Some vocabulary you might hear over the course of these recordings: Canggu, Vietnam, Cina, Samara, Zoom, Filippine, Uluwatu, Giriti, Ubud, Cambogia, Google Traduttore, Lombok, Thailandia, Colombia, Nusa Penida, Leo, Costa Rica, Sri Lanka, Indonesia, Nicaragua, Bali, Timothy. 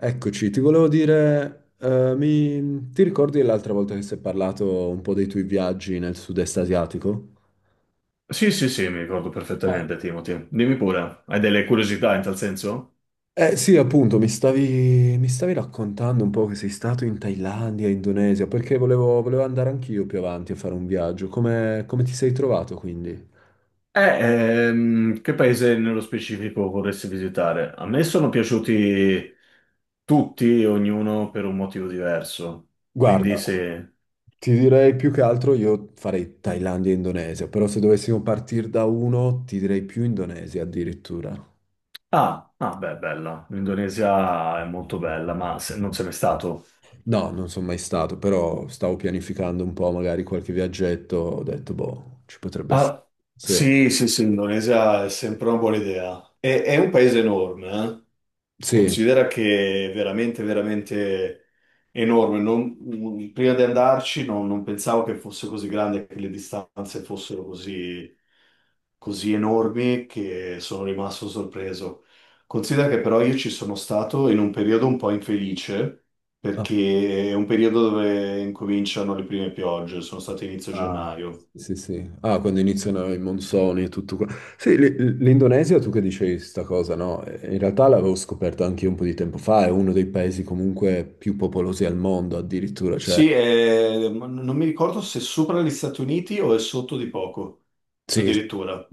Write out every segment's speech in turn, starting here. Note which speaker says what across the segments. Speaker 1: Eccoci, ti volevo dire, ti ricordi l'altra volta che si è parlato un po' dei tuoi viaggi nel sud-est asiatico?
Speaker 2: Sì, sì, sì, mi ricordo perfettamente, Timothy. Dimmi pure, hai delle curiosità in tal senso?
Speaker 1: Eh sì, appunto, mi stavi raccontando un po' che sei stato in Thailandia, Indonesia, perché volevo andare anch'io più avanti a fare un viaggio. Come ti sei trovato quindi?
Speaker 2: Che paese nello specifico vorresti visitare? A me sono piaciuti tutti, ognuno per un motivo diverso. Quindi
Speaker 1: Guarda,
Speaker 2: se...
Speaker 1: ti direi più che altro io farei Thailandia e Indonesia, però se dovessimo partire da uno, ti direi più Indonesia addirittura.
Speaker 2: Ah, ah, beh, bella. L'Indonesia è molto bella, ma non sei mai stato?
Speaker 1: No, non sono mai stato, però stavo pianificando un po' magari qualche viaggetto, ho detto, boh, ci potrebbe essere.
Speaker 2: Ah,
Speaker 1: Sì,
Speaker 2: sì, sì, sì, l'Indonesia è sempre una buona idea. È un paese enorme, eh.
Speaker 1: sì.
Speaker 2: Considera che è veramente, veramente enorme. Prima di andarci non pensavo che fosse così grande, che le distanze fossero così, così enormi che sono rimasto sorpreso. Considera che però io ci sono stato in un periodo un po' infelice,
Speaker 1: Ah,
Speaker 2: perché è un periodo dove incominciano le prime piogge, sono stato inizio
Speaker 1: ah,
Speaker 2: gennaio.
Speaker 1: sì, sì. Ah, quando iniziano i monsoni e tutto qua. Sì, l'Indonesia, tu che dicevi sta cosa, no? In realtà l'avevo scoperto anche io un po' di tempo fa, è uno dei paesi comunque più popolosi al mondo addirittura, cioè.
Speaker 2: Sì, non mi ricordo se sopra gli Stati Uniti o è sotto di poco,
Speaker 1: Sì, sì.
Speaker 2: addirittura.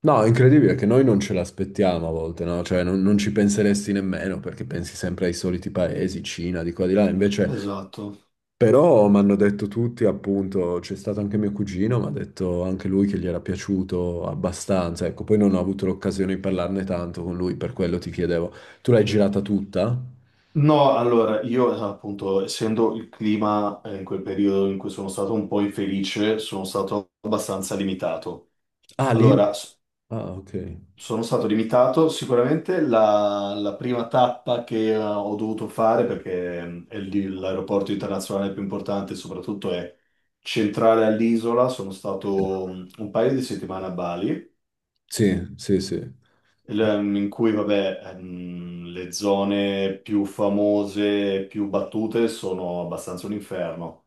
Speaker 1: No, è incredibile che noi non ce l'aspettiamo a volte, no? Cioè non ci penseresti nemmeno perché pensi sempre ai soliti paesi, Cina, di qua di là, invece
Speaker 2: Esatto.
Speaker 1: però mi hanno detto tutti, appunto, c'è stato anche mio cugino, mi ha detto anche lui che gli era piaciuto abbastanza, ecco, poi non ho avuto l'occasione di parlarne tanto con lui, per quello ti chiedevo, tu l'hai girata tutta?
Speaker 2: No, allora, io appunto, essendo il clima in quel periodo in cui sono stato un po' infelice, sono stato abbastanza limitato.
Speaker 1: Ah, lì?
Speaker 2: Allora,
Speaker 1: Ah, ok.
Speaker 2: sono stato limitato sicuramente la, la prima tappa che ho dovuto fare, perché è lì l'aeroporto internazionale più importante, soprattutto è centrale all'isola, sono stato un paio di settimane a Bali.
Speaker 1: Sì, sì, sì.
Speaker 2: In cui vabbè, le zone più famose, più battute sono abbastanza un inferno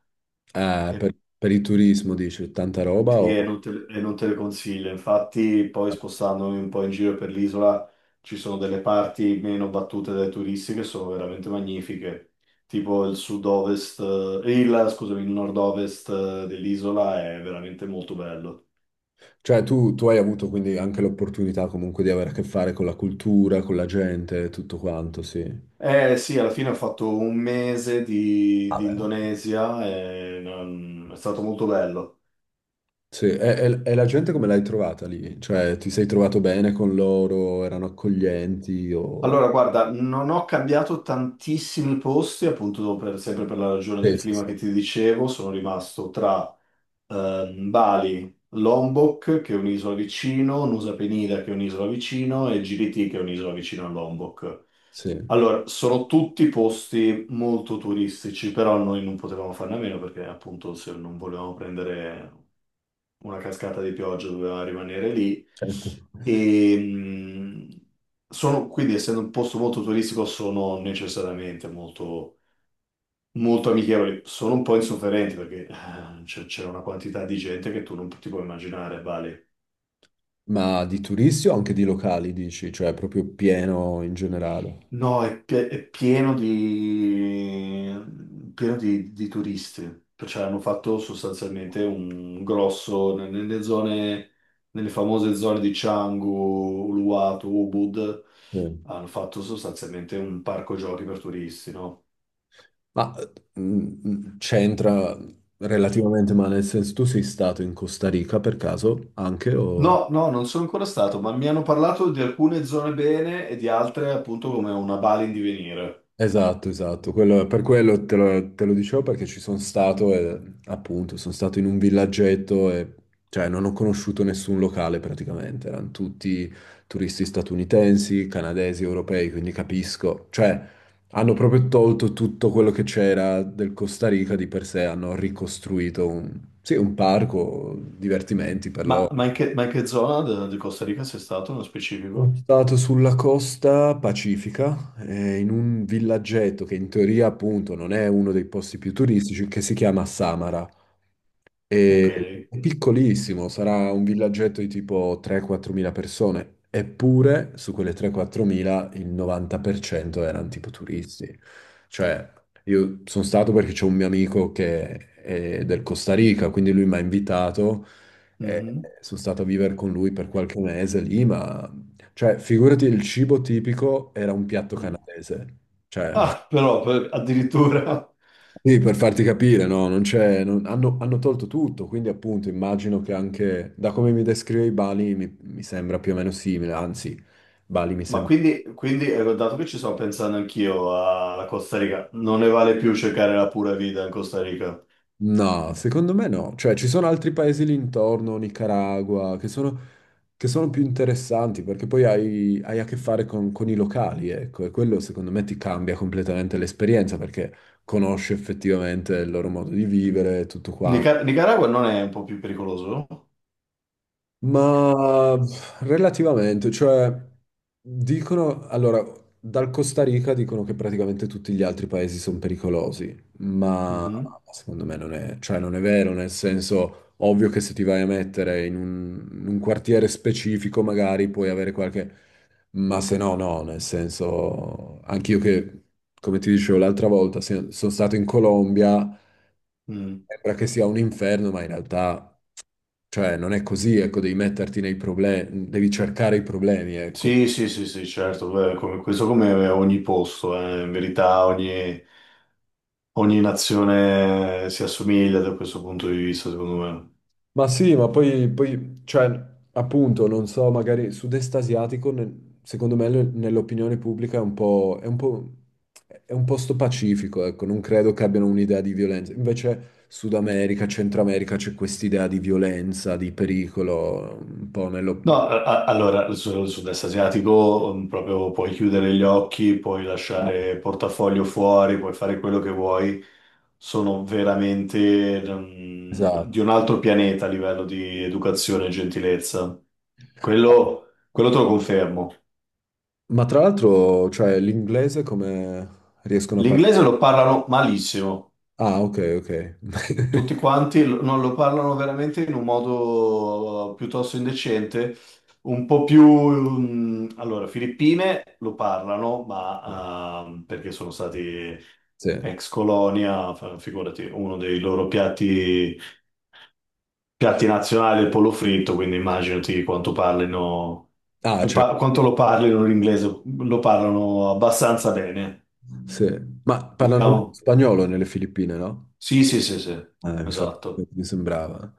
Speaker 2: e,
Speaker 1: Per il turismo dici, tanta roba
Speaker 2: sì,
Speaker 1: o...
Speaker 2: e non te le consiglio. Infatti, poi spostandomi un po' in giro per l'isola, ci sono delle parti meno battute dai turisti che sono veramente magnifiche, tipo il sud-ovest, scusami, il nord-ovest dell'isola è veramente molto bello.
Speaker 1: Cioè, tu hai avuto quindi anche l'opportunità comunque di avere a che fare con la cultura, con la gente, tutto quanto, sì.
Speaker 2: Eh sì, alla fine ho fatto un mese di
Speaker 1: Vabbè.
Speaker 2: Indonesia e è stato molto bello.
Speaker 1: Sì, e la gente come l'hai trovata lì? Cioè, ti sei trovato bene con loro? Erano accoglienti? O...
Speaker 2: Allora, guarda, non ho cambiato tantissimi posti, appunto sempre per la ragione
Speaker 1: Sì,
Speaker 2: del
Speaker 1: sì, sì,
Speaker 2: clima che ti dicevo, sono rimasto tra Bali, Lombok, che è un'isola vicino, Nusa Penida, che è un'isola vicino, e Giriti, che è un'isola vicino a Lombok.
Speaker 1: sì,
Speaker 2: Allora, sono tutti posti molto turistici, però noi non potevamo farne a meno perché appunto se non volevamo prendere una cascata di pioggia doveva rimanere lì.
Speaker 1: certo.
Speaker 2: E, mh, Sono, quindi, essendo un posto molto turistico, sono necessariamente molto, molto amichevoli. Sono un po' insofferenti perché c'era una quantità di gente che tu non ti puoi immaginare, vale.
Speaker 1: Ma di turisti o anche di locali, dici? Cioè, proprio pieno in generale?
Speaker 2: No, è pieno pieno di turisti, cioè hanno fatto sostanzialmente un grosso, nelle zone, nelle famose zone di Canggu, Uluwatu, Ubud,
Speaker 1: Sì.
Speaker 2: hanno fatto sostanzialmente un parco giochi per turisti, no?
Speaker 1: Ma c'entra relativamente, ma nel senso, tu sei stato in Costa Rica per caso anche o...
Speaker 2: No, no, non sono ancora stato, ma mi hanno parlato di alcune zone bene e di altre appunto come una Bali in divenire.
Speaker 1: Esatto, esatto. Quello- per quello te lo dicevo perché ci sono stato e appunto sono stato in un villaggetto e cioè non ho conosciuto nessun locale praticamente, erano tutti turisti statunitensi, canadesi, europei, quindi capisco. Cioè hanno proprio tolto tutto quello che c'era del Costa Rica di per sé, hanno ricostruito un, sì, un parco, divertimenti per loro.
Speaker 2: Ma in che zona di Costa Rica sei stato nello
Speaker 1: Sono
Speaker 2: specifico?
Speaker 1: stato sulla costa pacifica, in un villaggetto che in teoria appunto non è uno dei posti più turistici, che si chiama Samara.
Speaker 2: Ok.
Speaker 1: È piccolissimo, sarà un villaggetto di tipo 3-4 mila persone, eppure su quelle 3-4 mila il 90% erano tipo turisti. Cioè, io sono stato perché c'è un mio amico che è del Costa Rica, quindi lui mi ha invitato e sono stato a vivere con lui per qualche mese lì, ma cioè, figurati, il cibo tipico era un piatto
Speaker 2: Mhm.
Speaker 1: canadese. Cioè,
Speaker 2: Ah, però addirittura.
Speaker 1: sì, per farti capire, no, non c'è, hanno tolto tutto, quindi appunto immagino che anche, da come mi descrivevi Bali, mi sembra più o meno simile, anzi, Bali mi
Speaker 2: Ma
Speaker 1: sembra...
Speaker 2: quindi, quindi, eh, dato che ci sto pensando anch'io alla Costa Rica, non ne vale più cercare la pura vita in Costa Rica.
Speaker 1: No, secondo me no, cioè ci sono altri paesi lì intorno, Nicaragua, che sono più interessanti, perché poi hai a che fare con i locali, ecco, e quello secondo me ti cambia completamente l'esperienza, perché conosci effettivamente il loro modo di vivere e tutto quanto.
Speaker 2: Nicaragua non è un po' più pericoloso?
Speaker 1: Ma pff, relativamente, cioè, dicono, allora, dal Costa Rica dicono che praticamente tutti gli altri paesi sono pericolosi, ma
Speaker 2: Mhm,
Speaker 1: secondo me non è, cioè, non è vero, nel senso, ovvio che se ti vai a mettere in un, quartiere specifico magari puoi avere qualche, ma se no, no, nel senso, anch'io che, come ti dicevo l'altra volta, sono stato in Colombia,
Speaker 2: mm.
Speaker 1: sembra che sia un inferno, ma in realtà... Cioè, non è così, ecco, devi metterti nei problemi, devi cercare i problemi, ecco.
Speaker 2: Sì, sì, sì, sì, certo, beh, questo come ogni posto, in verità ogni, ogni nazione si assomiglia da questo punto di vista, secondo me.
Speaker 1: Ma sì, ma poi, cioè, appunto, non so, magari sud-est asiatico, secondo me, nell'opinione pubblica è un po', è un posto pacifico, ecco, non credo che abbiano un'idea di violenza. Invece Sud America, Centro America, c'è quest'idea di violenza, di pericolo, un po' nello...
Speaker 2: No, allora sul sud-est asiatico proprio puoi chiudere gli occhi, puoi
Speaker 1: No.
Speaker 2: lasciare il portafoglio fuori, puoi fare quello che vuoi. Sono veramente
Speaker 1: Esatto.
Speaker 2: di un altro pianeta a livello di educazione e gentilezza. Quello te lo confermo.
Speaker 1: Ma tra l'altro, cioè, l'inglese come riescono a parlare?
Speaker 2: L'inglese lo parlano malissimo.
Speaker 1: Ah, ok, ok.
Speaker 2: Tutti quanti non lo parlano veramente in un modo piuttosto indecente, un po' più... allora, Filippine lo parlano, ma perché sono stati
Speaker 1: Sì.
Speaker 2: ex colonia, figurati, uno dei loro piatti, piatti nazionali è il pollo fritto, quindi immaginati quanto parlino,
Speaker 1: Ah, cioè,
Speaker 2: quanto lo parlino l'inglese, lo parlano abbastanza bene,
Speaker 1: sì. Ma parlano
Speaker 2: diciamo.
Speaker 1: spagnolo nelle Filippine, no?
Speaker 2: Sì, sì, sì, sì,
Speaker 1: Infatti,
Speaker 2: esatto.
Speaker 1: mi sembrava.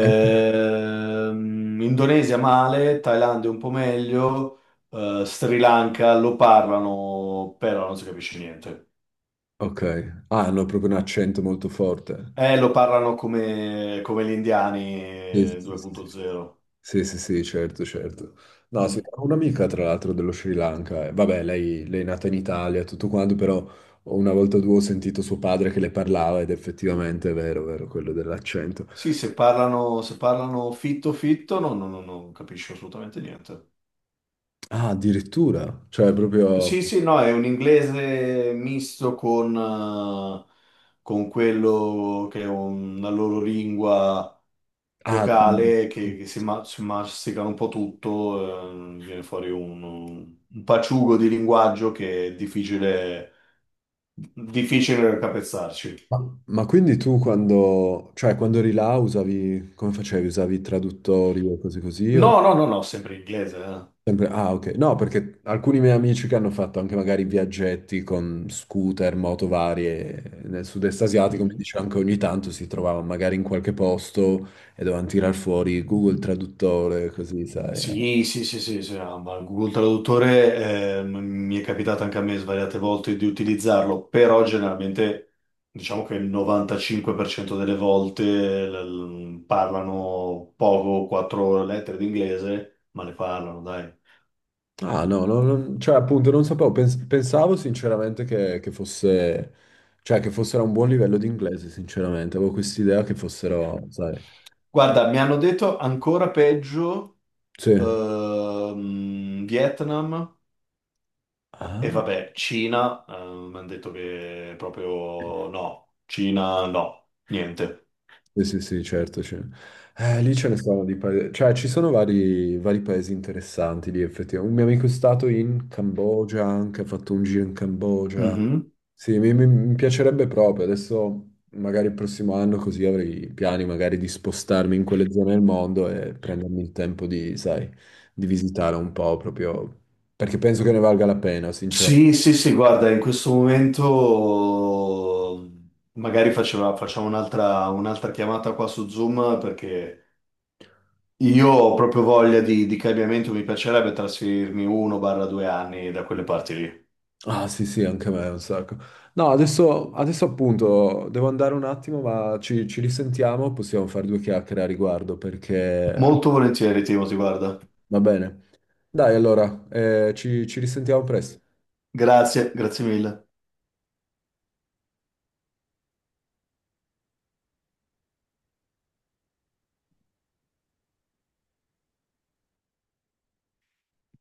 Speaker 1: Eh,
Speaker 2: Indonesia male, Thailandia un po' meglio, Sri Lanka lo parlano, però non si capisce niente.
Speaker 1: ok. Ah, hanno proprio un accento molto forte.
Speaker 2: Lo parlano come, come gli indiani
Speaker 1: Sì, sì, sì, sì, sì.
Speaker 2: 2.0.
Speaker 1: Sì, sì, sì, certo, certo. No, sì,
Speaker 2: Mm.
Speaker 1: ho un'amica, tra l'altro, dello Sri Lanka. Eh, vabbè, lei è nata in Italia, e tutto quanto, però una volta o due ho sentito suo padre che le parlava ed effettivamente è vero, quello dell'accento.
Speaker 2: Sì, se parlano, se parlano fitto fitto, no, no, no, non capisco assolutamente niente.
Speaker 1: Ah, addirittura, cioè proprio...
Speaker 2: Sì, sì, no, è un inglese misto con quello che è una loro lingua
Speaker 1: Ah,
Speaker 2: locale che, si masticano un po' tutto, viene fuori un paciugo di linguaggio che è difficile, difficile capezzarci.
Speaker 1: Ma, ma quindi tu quando, cioè quando eri là usavi, come facevi? Usavi traduttori o cose così?
Speaker 2: No,
Speaker 1: O
Speaker 2: no, no, no, sempre in inglese.
Speaker 1: sempre, ah, ok. No, perché alcuni miei amici che hanno fatto anche magari viaggetti con scooter, moto varie nel sud-est asiatico, mi
Speaker 2: Mhm.
Speaker 1: dicevano che ogni tanto si trovavano magari in qualche posto e dovevano tirar fuori Google Traduttore, così, sai. Eh.
Speaker 2: Sì, sì, sì, sì, sì, no, ma Google Traduttore mi è capitato anche a me svariate volte di utilizzarlo, però generalmente diciamo che il 95% delle volte parlano poco, quattro lettere d'inglese, ma le parlano, dai.
Speaker 1: Ah, no, no, cioè appunto non sapevo, pensavo sinceramente che fosse, cioè che fossero a un buon livello di inglese, sinceramente, avevo quest'idea che fossero, sai,
Speaker 2: Guarda, mi hanno detto ancora peggio,
Speaker 1: sì.
Speaker 2: Vietnam e
Speaker 1: Ah.
Speaker 2: vabbè, Cina, mi hanno detto che proprio no, Cina no, niente.
Speaker 1: Sì, sì, sì, certo. c'è. Lì ce ne sono di paesi, cioè ci sono vari paesi interessanti lì effettivamente. Un mio amico è stato in Cambogia, anche ha fatto un giro in Cambogia.
Speaker 2: Mhm.
Speaker 1: Sì, mi piacerebbe proprio. Adesso magari il prossimo anno così avrei piani magari di spostarmi in quelle zone del mondo e prendermi il tempo di, sai, di visitare un po' proprio, perché penso che ne valga la pena, sinceramente.
Speaker 2: Sì, sì, sì, guarda, in questo momento magari facciamo un'altra chiamata qua su Zoom perché io ho proprio voglia di cambiamento, mi piacerebbe trasferirmi 1/2 anni da quelle parti lì.
Speaker 1: Ah sì sì, anche a me un sacco. No, adesso appunto devo andare un attimo, ma ci risentiamo, possiamo fare due chiacchiere a riguardo perché
Speaker 2: Molto volentieri, Timo, ti guarda.
Speaker 1: va bene. Dai allora, ci risentiamo presto.
Speaker 2: Grazie, grazie mille.